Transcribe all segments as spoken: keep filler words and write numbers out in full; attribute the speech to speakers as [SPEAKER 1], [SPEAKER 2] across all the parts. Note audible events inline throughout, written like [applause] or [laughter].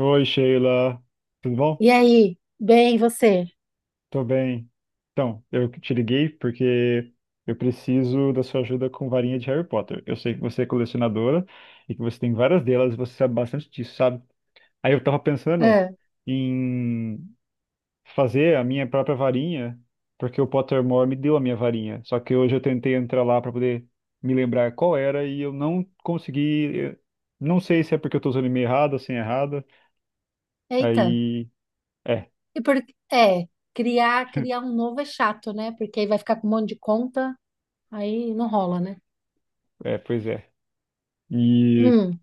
[SPEAKER 1] Oi, Sheila. Tudo bom?
[SPEAKER 2] E aí? Bem, e você?
[SPEAKER 1] Tô bem. Então, eu te liguei porque eu preciso da sua ajuda com varinha de Harry Potter. Eu sei que você é colecionadora e que você tem várias delas e você sabe bastante disso, sabe? Aí eu tava pensando
[SPEAKER 2] Ah.
[SPEAKER 1] em fazer a minha própria varinha, porque o Pottermore me deu a minha varinha. Só que hoje eu tentei entrar lá para poder me lembrar qual era e eu não consegui. Eu Não sei se é porque eu tô usando meio errada, sem errada.
[SPEAKER 2] Eita.
[SPEAKER 1] Aí, é,
[SPEAKER 2] E por... É, criar, criar um novo é chato, né? Porque aí vai ficar com um monte de conta, aí não rola, né?
[SPEAKER 1] é, pois é. E
[SPEAKER 2] Hum,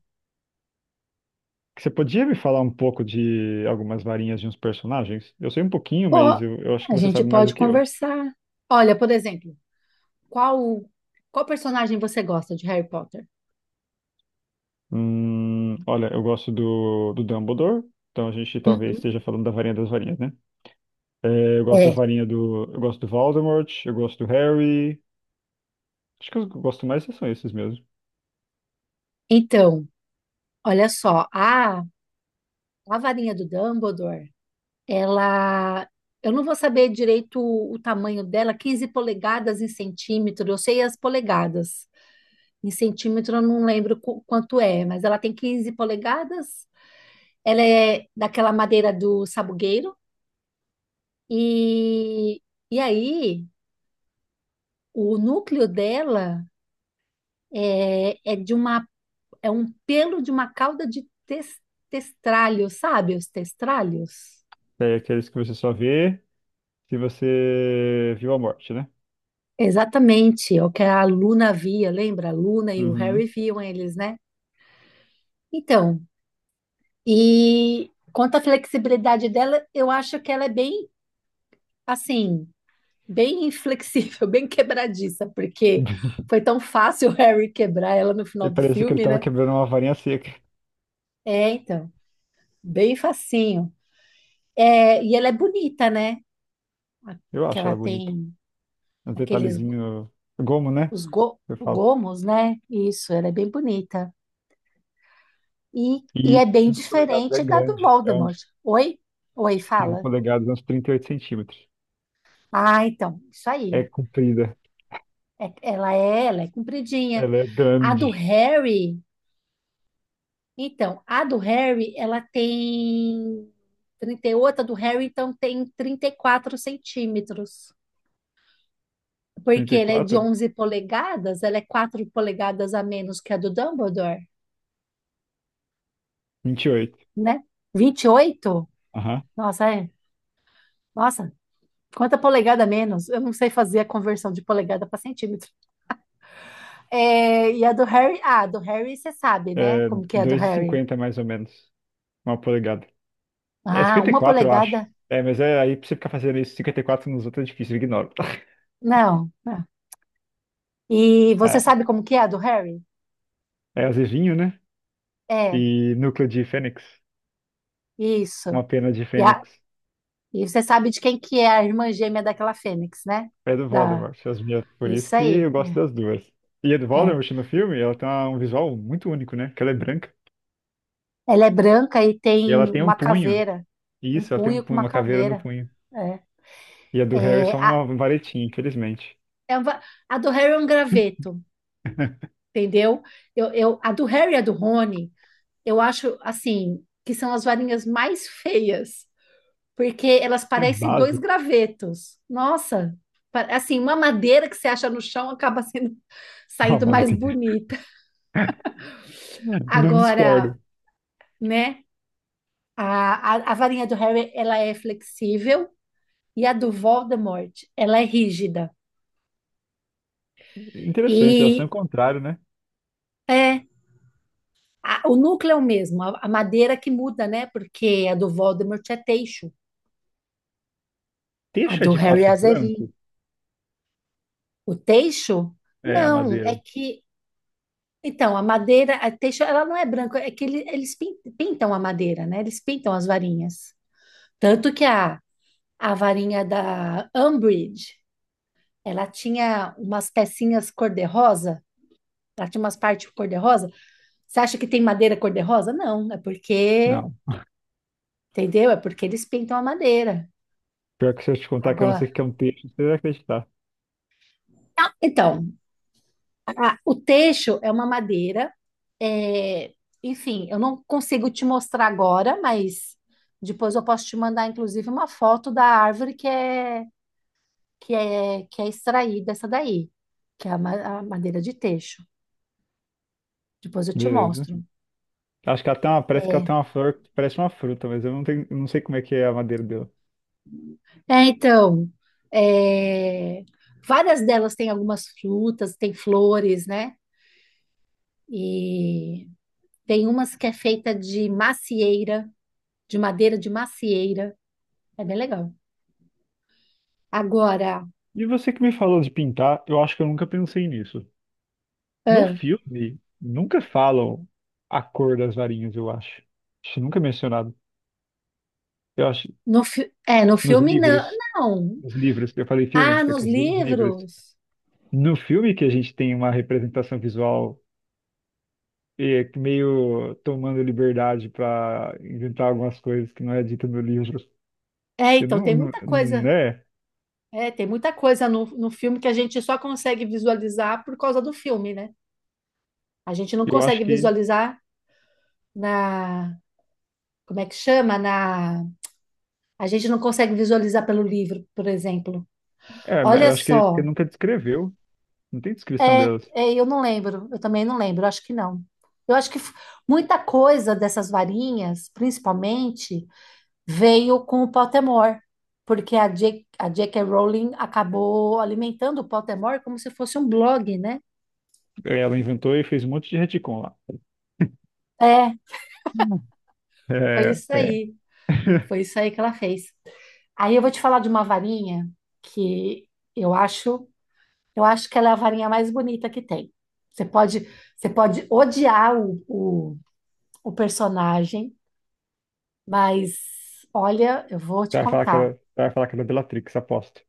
[SPEAKER 1] você podia me falar um pouco de algumas varinhas de uns personagens? Eu sei um pouquinho,
[SPEAKER 2] Pô,
[SPEAKER 1] mas eu, eu acho que
[SPEAKER 2] a
[SPEAKER 1] você
[SPEAKER 2] gente
[SPEAKER 1] sabe mais do
[SPEAKER 2] pode
[SPEAKER 1] que eu.
[SPEAKER 2] conversar. Olha, por exemplo, qual, qual personagem você gosta de Harry Potter?
[SPEAKER 1] Hum, olha, eu gosto do, do Dumbledore, então a gente talvez
[SPEAKER 2] Uhum.
[SPEAKER 1] esteja falando da varinha das varinhas, né? É, eu gosto da
[SPEAKER 2] É,
[SPEAKER 1] varinha do. Eu gosto do Voldemort, eu gosto do Harry. Acho que os que eu gosto mais são esses mesmo.
[SPEAKER 2] então, olha só, a, a varinha do Dumbledore, ela, eu não vou saber direito o, o tamanho dela. Quinze polegadas em centímetro, eu sei as polegadas. Em centímetro, eu não lembro qu- quanto é, mas ela tem quinze polegadas. Ela é daquela madeira do sabugueiro. E, e aí, o núcleo dela é, é de uma, é um pelo de uma cauda de tes- testralho, sabe? Os testralhos.
[SPEAKER 1] É aqueles que você só vê se você viu a morte, né?
[SPEAKER 2] Exatamente, é o que a Luna via, lembra? A Luna e o Harry
[SPEAKER 1] Uhum.
[SPEAKER 2] viam eles, né? Então, e quanto à flexibilidade dela, eu acho que ela é bem assim. Bem inflexível, [laughs] bem quebradiça, porque foi
[SPEAKER 1] [laughs]
[SPEAKER 2] tão fácil o Harry quebrar ela no
[SPEAKER 1] E
[SPEAKER 2] final do
[SPEAKER 1] parecia que ele
[SPEAKER 2] filme,
[SPEAKER 1] tava
[SPEAKER 2] né?
[SPEAKER 1] quebrando uma varinha seca.
[SPEAKER 2] É, então, bem facinho. É, e ela é bonita, né? A-
[SPEAKER 1] Eu
[SPEAKER 2] Que
[SPEAKER 1] acho
[SPEAKER 2] ela
[SPEAKER 1] ela bonita.
[SPEAKER 2] tem
[SPEAKER 1] Um
[SPEAKER 2] aqueles
[SPEAKER 1] detalhezinho. Gomo, né?
[SPEAKER 2] os go-
[SPEAKER 1] Eu falo.
[SPEAKER 2] gomos, né? Isso, ela é bem bonita. E, e
[SPEAKER 1] E
[SPEAKER 2] é bem
[SPEAKER 1] quinze polegadas é
[SPEAKER 2] diferente da do
[SPEAKER 1] grande. É
[SPEAKER 2] Voldemort.
[SPEAKER 1] uns
[SPEAKER 2] Oi? Oi,
[SPEAKER 1] quinze
[SPEAKER 2] fala.
[SPEAKER 1] polegadas, uns trinta e oito centímetros.
[SPEAKER 2] Ah, então, isso
[SPEAKER 1] É
[SPEAKER 2] aí.
[SPEAKER 1] comprida.
[SPEAKER 2] É- ela é, ela é compridinha.
[SPEAKER 1] Ela é
[SPEAKER 2] A do
[SPEAKER 1] grande.
[SPEAKER 2] Harry. Então, a do Harry, ela tem trinta e oito. A do Harry, então, tem trinta e quatro centímetros. Porque ela é de
[SPEAKER 1] trinta e quatro?
[SPEAKER 2] onze polegadas, ela é quatro polegadas a menos que a do Dumbledore,
[SPEAKER 1] vinte e oito.
[SPEAKER 2] né? vinte e oito?
[SPEAKER 1] Aham.
[SPEAKER 2] Nossa, é. Nossa, quanta polegada a menos? Eu não sei fazer a conversão de polegada para centímetro. É, e a do Harry? Ah, a do Harry você sabe, né?
[SPEAKER 1] É
[SPEAKER 2] Como que é a do Harry?
[SPEAKER 1] dois vírgula cinquenta mais ou menos. Uma polegada. É
[SPEAKER 2] Ah, uma
[SPEAKER 1] cinquenta e quatro, eu acho.
[SPEAKER 2] polegada?
[SPEAKER 1] É, mas é aí pra você ficar fazendo isso, cinquenta e quatro nos outros é difícil, eu ignoro. [laughs]
[SPEAKER 2] Não. Não. E você
[SPEAKER 1] É,
[SPEAKER 2] sabe como que é a do Harry?
[SPEAKER 1] é azevinho, né?
[SPEAKER 2] É,
[SPEAKER 1] E núcleo de fênix.
[SPEAKER 2] isso.
[SPEAKER 1] Uma pena de
[SPEAKER 2] E, a-
[SPEAKER 1] fênix.
[SPEAKER 2] e você sabe de quem que é a irmã gêmea daquela fênix, né?
[SPEAKER 1] É do
[SPEAKER 2] Da,
[SPEAKER 1] Voldemort, as minhas. Por isso
[SPEAKER 2] isso
[SPEAKER 1] que
[SPEAKER 2] aí.
[SPEAKER 1] eu gosto das duas. E a do
[SPEAKER 2] É.
[SPEAKER 1] Voldemort no filme, ela tem um visual muito único, né? Que ela é branca.
[SPEAKER 2] Ela é branca e
[SPEAKER 1] E
[SPEAKER 2] tem
[SPEAKER 1] ela tem um
[SPEAKER 2] uma
[SPEAKER 1] punho.
[SPEAKER 2] caveira, um
[SPEAKER 1] Isso, ela tem um
[SPEAKER 2] punho com
[SPEAKER 1] punho,
[SPEAKER 2] uma
[SPEAKER 1] uma caveira no
[SPEAKER 2] caveira.
[SPEAKER 1] punho.
[SPEAKER 2] É,
[SPEAKER 1] E a do Harry é só
[SPEAKER 2] É, a,
[SPEAKER 1] uma varetinha, infelizmente.
[SPEAKER 2] é uma- a do Harry é um graveto,
[SPEAKER 1] [laughs]
[SPEAKER 2] entendeu? Eu, eu, a do Harry e a do Rony, eu acho assim que são as varinhas mais feias, porque elas
[SPEAKER 1] É
[SPEAKER 2] parecem dois
[SPEAKER 1] básico.
[SPEAKER 2] gravetos. Nossa, pa- assim, uma madeira que você acha no chão acaba sendo [laughs]
[SPEAKER 1] Uma
[SPEAKER 2] saindo mais
[SPEAKER 1] madeira.
[SPEAKER 2] bonita.
[SPEAKER 1] [laughs] Não
[SPEAKER 2] Agora,
[SPEAKER 1] discordo.
[SPEAKER 2] né? A, a, a varinha do Harry, ela é flexível e a do Voldemort, ela é rígida.
[SPEAKER 1] Interessante, elas são
[SPEAKER 2] E
[SPEAKER 1] o contrário, né?
[SPEAKER 2] é a- o núcleo é o mesmo, a, a madeira que muda, né? Porque a do Voldemort é teixo, a
[SPEAKER 1] Teixa é
[SPEAKER 2] do
[SPEAKER 1] de
[SPEAKER 2] Harry é
[SPEAKER 1] fato
[SPEAKER 2] azevinho.
[SPEAKER 1] branco?
[SPEAKER 2] O teixo,
[SPEAKER 1] É, a
[SPEAKER 2] não, é
[SPEAKER 1] madeira.
[SPEAKER 2] que... Então, a madeira, a teixo, ela não é branca, é que ele- eles pin- pintam a madeira, né? Eles pintam as varinhas. Tanto que a, a varinha da Umbridge, ela tinha umas pecinhas cor-de-rosa. Ela tinha umas partes cor-de-rosa. Você acha que tem madeira cor-de-rosa? Não, é porque,
[SPEAKER 1] Não.
[SPEAKER 2] entendeu? É porque eles pintam a madeira.
[SPEAKER 1] Pior que se eu te contar que eu não sei
[SPEAKER 2] Agora,
[SPEAKER 1] o que é um teixa, você vai acreditar.
[SPEAKER 2] então, a- o teixo é uma madeira. É, enfim, eu não consigo te mostrar agora, mas depois eu posso te mandar, inclusive, uma foto da árvore que é que é que é extraída essa daí, que é a ma- a madeira de teixo. Depois eu te
[SPEAKER 1] Beleza.
[SPEAKER 2] mostro.
[SPEAKER 1] Acho que ela tem uma, parece que ela
[SPEAKER 2] É,
[SPEAKER 1] tem uma flor que parece uma fruta, mas eu não tenho, não sei como é que é a madeira dela.
[SPEAKER 2] É, então, é, várias delas têm algumas frutas, tem flores, né? E tem umas que é feita de macieira, de madeira de macieira. É bem legal. Agora,
[SPEAKER 1] E você que me falou de pintar, eu acho que eu nunca pensei nisso. No
[SPEAKER 2] ah,
[SPEAKER 1] filme, nunca falam a cor das varinhas, eu acho. Acho nunca é mencionado. Eu acho,
[SPEAKER 2] no, fi- é, no
[SPEAKER 1] nos
[SPEAKER 2] filme não,
[SPEAKER 1] livros,
[SPEAKER 2] não.
[SPEAKER 1] nos livros, eu falei filme,
[SPEAKER 2] Ah,
[SPEAKER 1] eu
[SPEAKER 2] nos
[SPEAKER 1] quis dizer nos livros.
[SPEAKER 2] livros.
[SPEAKER 1] No filme que a gente tem uma representação visual é, que meio tomando liberdade para inventar algumas coisas que não é dita no livro.
[SPEAKER 2] É,
[SPEAKER 1] Eu
[SPEAKER 2] então,
[SPEAKER 1] não,
[SPEAKER 2] tem
[SPEAKER 1] não,
[SPEAKER 2] muita coisa.
[SPEAKER 1] né?
[SPEAKER 2] É, tem muita coisa no, no filme que a gente só consegue visualizar por causa do filme, né? A gente não
[SPEAKER 1] Eu acho
[SPEAKER 2] consegue
[SPEAKER 1] que,
[SPEAKER 2] visualizar na, como é que chama? Na A gente não consegue visualizar pelo livro, por exemplo.
[SPEAKER 1] é,
[SPEAKER 2] Olha
[SPEAKER 1] eu acho que, que
[SPEAKER 2] só.
[SPEAKER 1] nunca descreveu. Não tem descrição
[SPEAKER 2] É,
[SPEAKER 1] delas.
[SPEAKER 2] é, eu não lembro. Eu também não lembro. Acho que não. Eu acho que f- muita coisa dessas varinhas, principalmente, veio com o Pottermore, porque a J- a J. K. Rowling acabou alimentando o Pottermore como se fosse um blog, né?
[SPEAKER 1] É, ela inventou e fez um monte de retcon lá.
[SPEAKER 2] É,
[SPEAKER 1] Hum.
[SPEAKER 2] foi
[SPEAKER 1] É,
[SPEAKER 2] isso
[SPEAKER 1] é.
[SPEAKER 2] aí.
[SPEAKER 1] [laughs]
[SPEAKER 2] Foi isso aí que ela fez. Aí eu vou te falar de uma varinha que eu acho Eu acho que ela é a varinha mais bonita que tem. Você pode, você pode odiar o, o, o personagem, mas olha, eu vou te
[SPEAKER 1] Você vai falar que
[SPEAKER 2] contar.
[SPEAKER 1] era, você vai falar que era Bellatrix, aposto.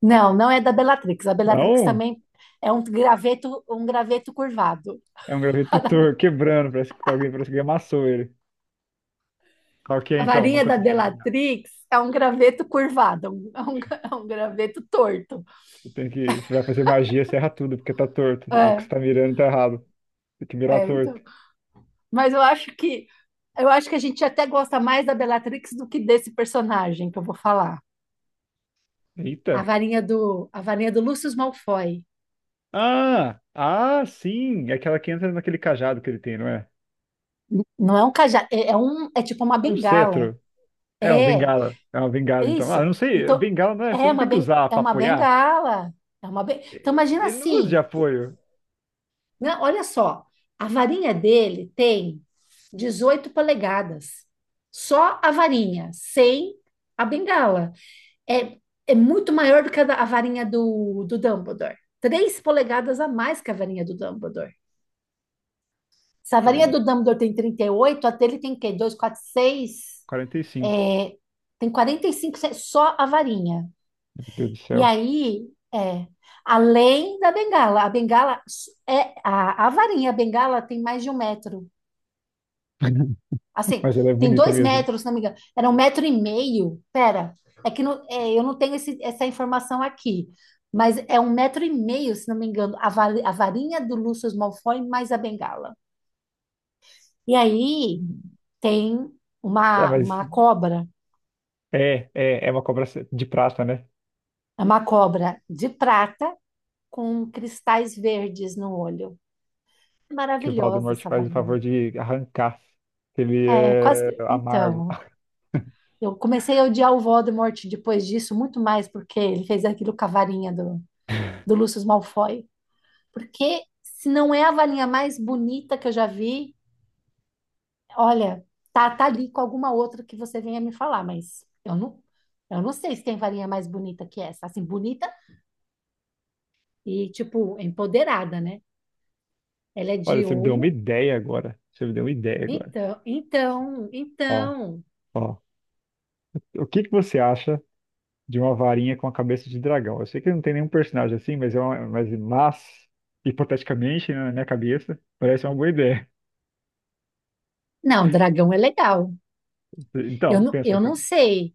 [SPEAKER 2] Não, não é da Bellatrix. A Bellatrix
[SPEAKER 1] Não,
[SPEAKER 2] também é um graveto, um graveto curvado.
[SPEAKER 1] é um
[SPEAKER 2] [laughs] A, da
[SPEAKER 1] gravetutor
[SPEAKER 2] Be-
[SPEAKER 1] quebrando, parece que alguém, parece que alguém amassou ele. Qual que é
[SPEAKER 2] a
[SPEAKER 1] então? Não
[SPEAKER 2] varinha da
[SPEAKER 1] consegui adivinhar.
[SPEAKER 2] Bellatrix é um graveto curvado, um- é um, gra- é um graveto torto.
[SPEAKER 1] Você tem que, você vai fazer magia, você erra tudo, porque tá torto. O que
[SPEAKER 2] É,
[SPEAKER 1] você tá mirando tá errado. Tem que mirar
[SPEAKER 2] é, então.
[SPEAKER 1] torto.
[SPEAKER 2] Mas eu acho que eu acho que a gente até gosta mais da Bellatrix do que desse personagem que eu vou falar. A
[SPEAKER 1] Eita.
[SPEAKER 2] varinha do, a varinha do Lúcio Malfoy.
[SPEAKER 1] Ah, ah, sim, é aquela que entra naquele cajado que ele tem, não é?
[SPEAKER 2] Não é um cajado, é, é um, é tipo uma
[SPEAKER 1] É um
[SPEAKER 2] bengala.
[SPEAKER 1] cetro. É uma
[SPEAKER 2] É, é
[SPEAKER 1] bengala. É uma bengala, então. Ah,
[SPEAKER 2] isso.
[SPEAKER 1] eu não sei,
[SPEAKER 2] Então,
[SPEAKER 1] bengala não é, você
[SPEAKER 2] é
[SPEAKER 1] não
[SPEAKER 2] uma,
[SPEAKER 1] tem que
[SPEAKER 2] ben,
[SPEAKER 1] usar
[SPEAKER 2] é
[SPEAKER 1] pra
[SPEAKER 2] uma
[SPEAKER 1] apoiar.
[SPEAKER 2] bengala. É uma ben... Então,
[SPEAKER 1] É,
[SPEAKER 2] imagina
[SPEAKER 1] ele não usa de
[SPEAKER 2] assim,
[SPEAKER 1] apoio.
[SPEAKER 2] né? Olha só, a varinha dele tem dezoito polegadas. Só a varinha, sem a bengala. É, é muito maior do que a, da- a varinha do, do Dumbledore. Três polegadas a mais que a varinha do Dumbledore. Savaria
[SPEAKER 1] Três,
[SPEAKER 2] do Dumbledore tem trinta e oito, a dele tem o quê? dois, quatro, seis,
[SPEAKER 1] quarenta e cinco.
[SPEAKER 2] é, tem quarenta e cinco só a varinha.
[SPEAKER 1] Meu Deus do
[SPEAKER 2] E
[SPEAKER 1] céu.
[SPEAKER 2] aí, é, além da bengala, a bengala é a, a varinha, a bengala tem mais de um metro.
[SPEAKER 1] [laughs]
[SPEAKER 2] Assim,
[SPEAKER 1] Mas ela é
[SPEAKER 2] tem
[SPEAKER 1] bonita
[SPEAKER 2] dois
[SPEAKER 1] mesmo.
[SPEAKER 2] metros, se não me engano. Era um metro e meio. Pera, é que não- é, eu não tenho esse- essa informação aqui. Mas é um metro e meio, se não me engano, a, va- a varinha do Lúcio Malfoy mais a bengala. E aí, tem
[SPEAKER 1] Ah,
[SPEAKER 2] uma,
[SPEAKER 1] mas
[SPEAKER 2] uma cobra,
[SPEAKER 1] é, é, é uma cobra de prata, né?
[SPEAKER 2] é uma cobra de prata com cristais verdes no olho.
[SPEAKER 1] Que o
[SPEAKER 2] Maravilhosa
[SPEAKER 1] Voldemort
[SPEAKER 2] essa
[SPEAKER 1] faz o
[SPEAKER 2] varinha.
[SPEAKER 1] favor de arrancar. Que Ele
[SPEAKER 2] É, quase.
[SPEAKER 1] é
[SPEAKER 2] que-
[SPEAKER 1] amargo.
[SPEAKER 2] Então,
[SPEAKER 1] [laughs]
[SPEAKER 2] eu comecei a odiar o Voldemort depois disso, muito mais porque ele fez aquilo com a varinha do, do, Lúcio Malfoy. Porque se não é a varinha mais bonita que eu já vi, olha, tá, tá ali com alguma outra que você venha me falar, mas eu não, eu não sei se tem varinha mais bonita que essa. Assim, bonita e, tipo, empoderada, né? Ela é
[SPEAKER 1] Olha,
[SPEAKER 2] de
[SPEAKER 1] você me deu uma
[SPEAKER 2] Olmo.
[SPEAKER 1] ideia agora. Você me deu uma ideia agora.
[SPEAKER 2] Então, então,
[SPEAKER 1] Ó,
[SPEAKER 2] então.
[SPEAKER 1] ó. O que que você acha de uma varinha com a cabeça de dragão? Eu sei que não tem nenhum personagem assim, mas é uma, mas, mas hipoteticamente, né, na minha cabeça, parece uma boa ideia.
[SPEAKER 2] Não, dragão é legal. Eu
[SPEAKER 1] Então,
[SPEAKER 2] não,
[SPEAKER 1] pensa,
[SPEAKER 2] eu não
[SPEAKER 1] ca-
[SPEAKER 2] sei.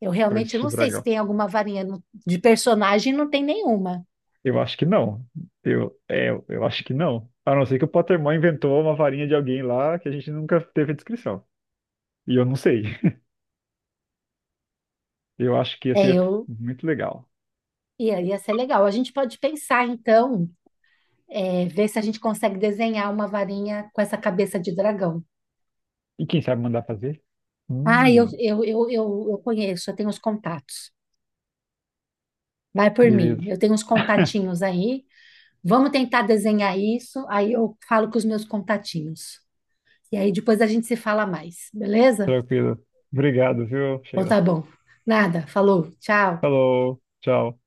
[SPEAKER 2] Eu realmente
[SPEAKER 1] cabeça de
[SPEAKER 2] não sei se
[SPEAKER 1] dragão.
[SPEAKER 2] tem alguma varinha no- de personagem, não tem nenhuma.
[SPEAKER 1] Eu acho que não. Eu, é, eu acho que não. A não ser que o Pottermore inventou uma varinha de alguém lá que a gente nunca teve descrição. E eu não sei. [laughs] Eu acho que ia
[SPEAKER 2] É,
[SPEAKER 1] ser
[SPEAKER 2] eu
[SPEAKER 1] muito legal.
[SPEAKER 2] ia, ia ser legal. A gente pode pensar, então, é, ver se a gente consegue desenhar uma varinha com essa cabeça de dragão.
[SPEAKER 1] E quem sabe mandar fazer?
[SPEAKER 2] Ah, eu,
[SPEAKER 1] Hum,
[SPEAKER 2] eu, eu, eu, eu conheço, eu tenho os contatos. Vai por mim.
[SPEAKER 1] beleza.
[SPEAKER 2] Eu tenho uns contatinhos aí. Vamos tentar desenhar isso. Aí eu falo com os meus contatinhos. E aí depois a gente se fala mais, beleza?
[SPEAKER 1] Tranquilo. Obrigado, viu,
[SPEAKER 2] Então
[SPEAKER 1] Sheila?
[SPEAKER 2] tá bom. Nada, falou, tchau.
[SPEAKER 1] Falou. Tchau.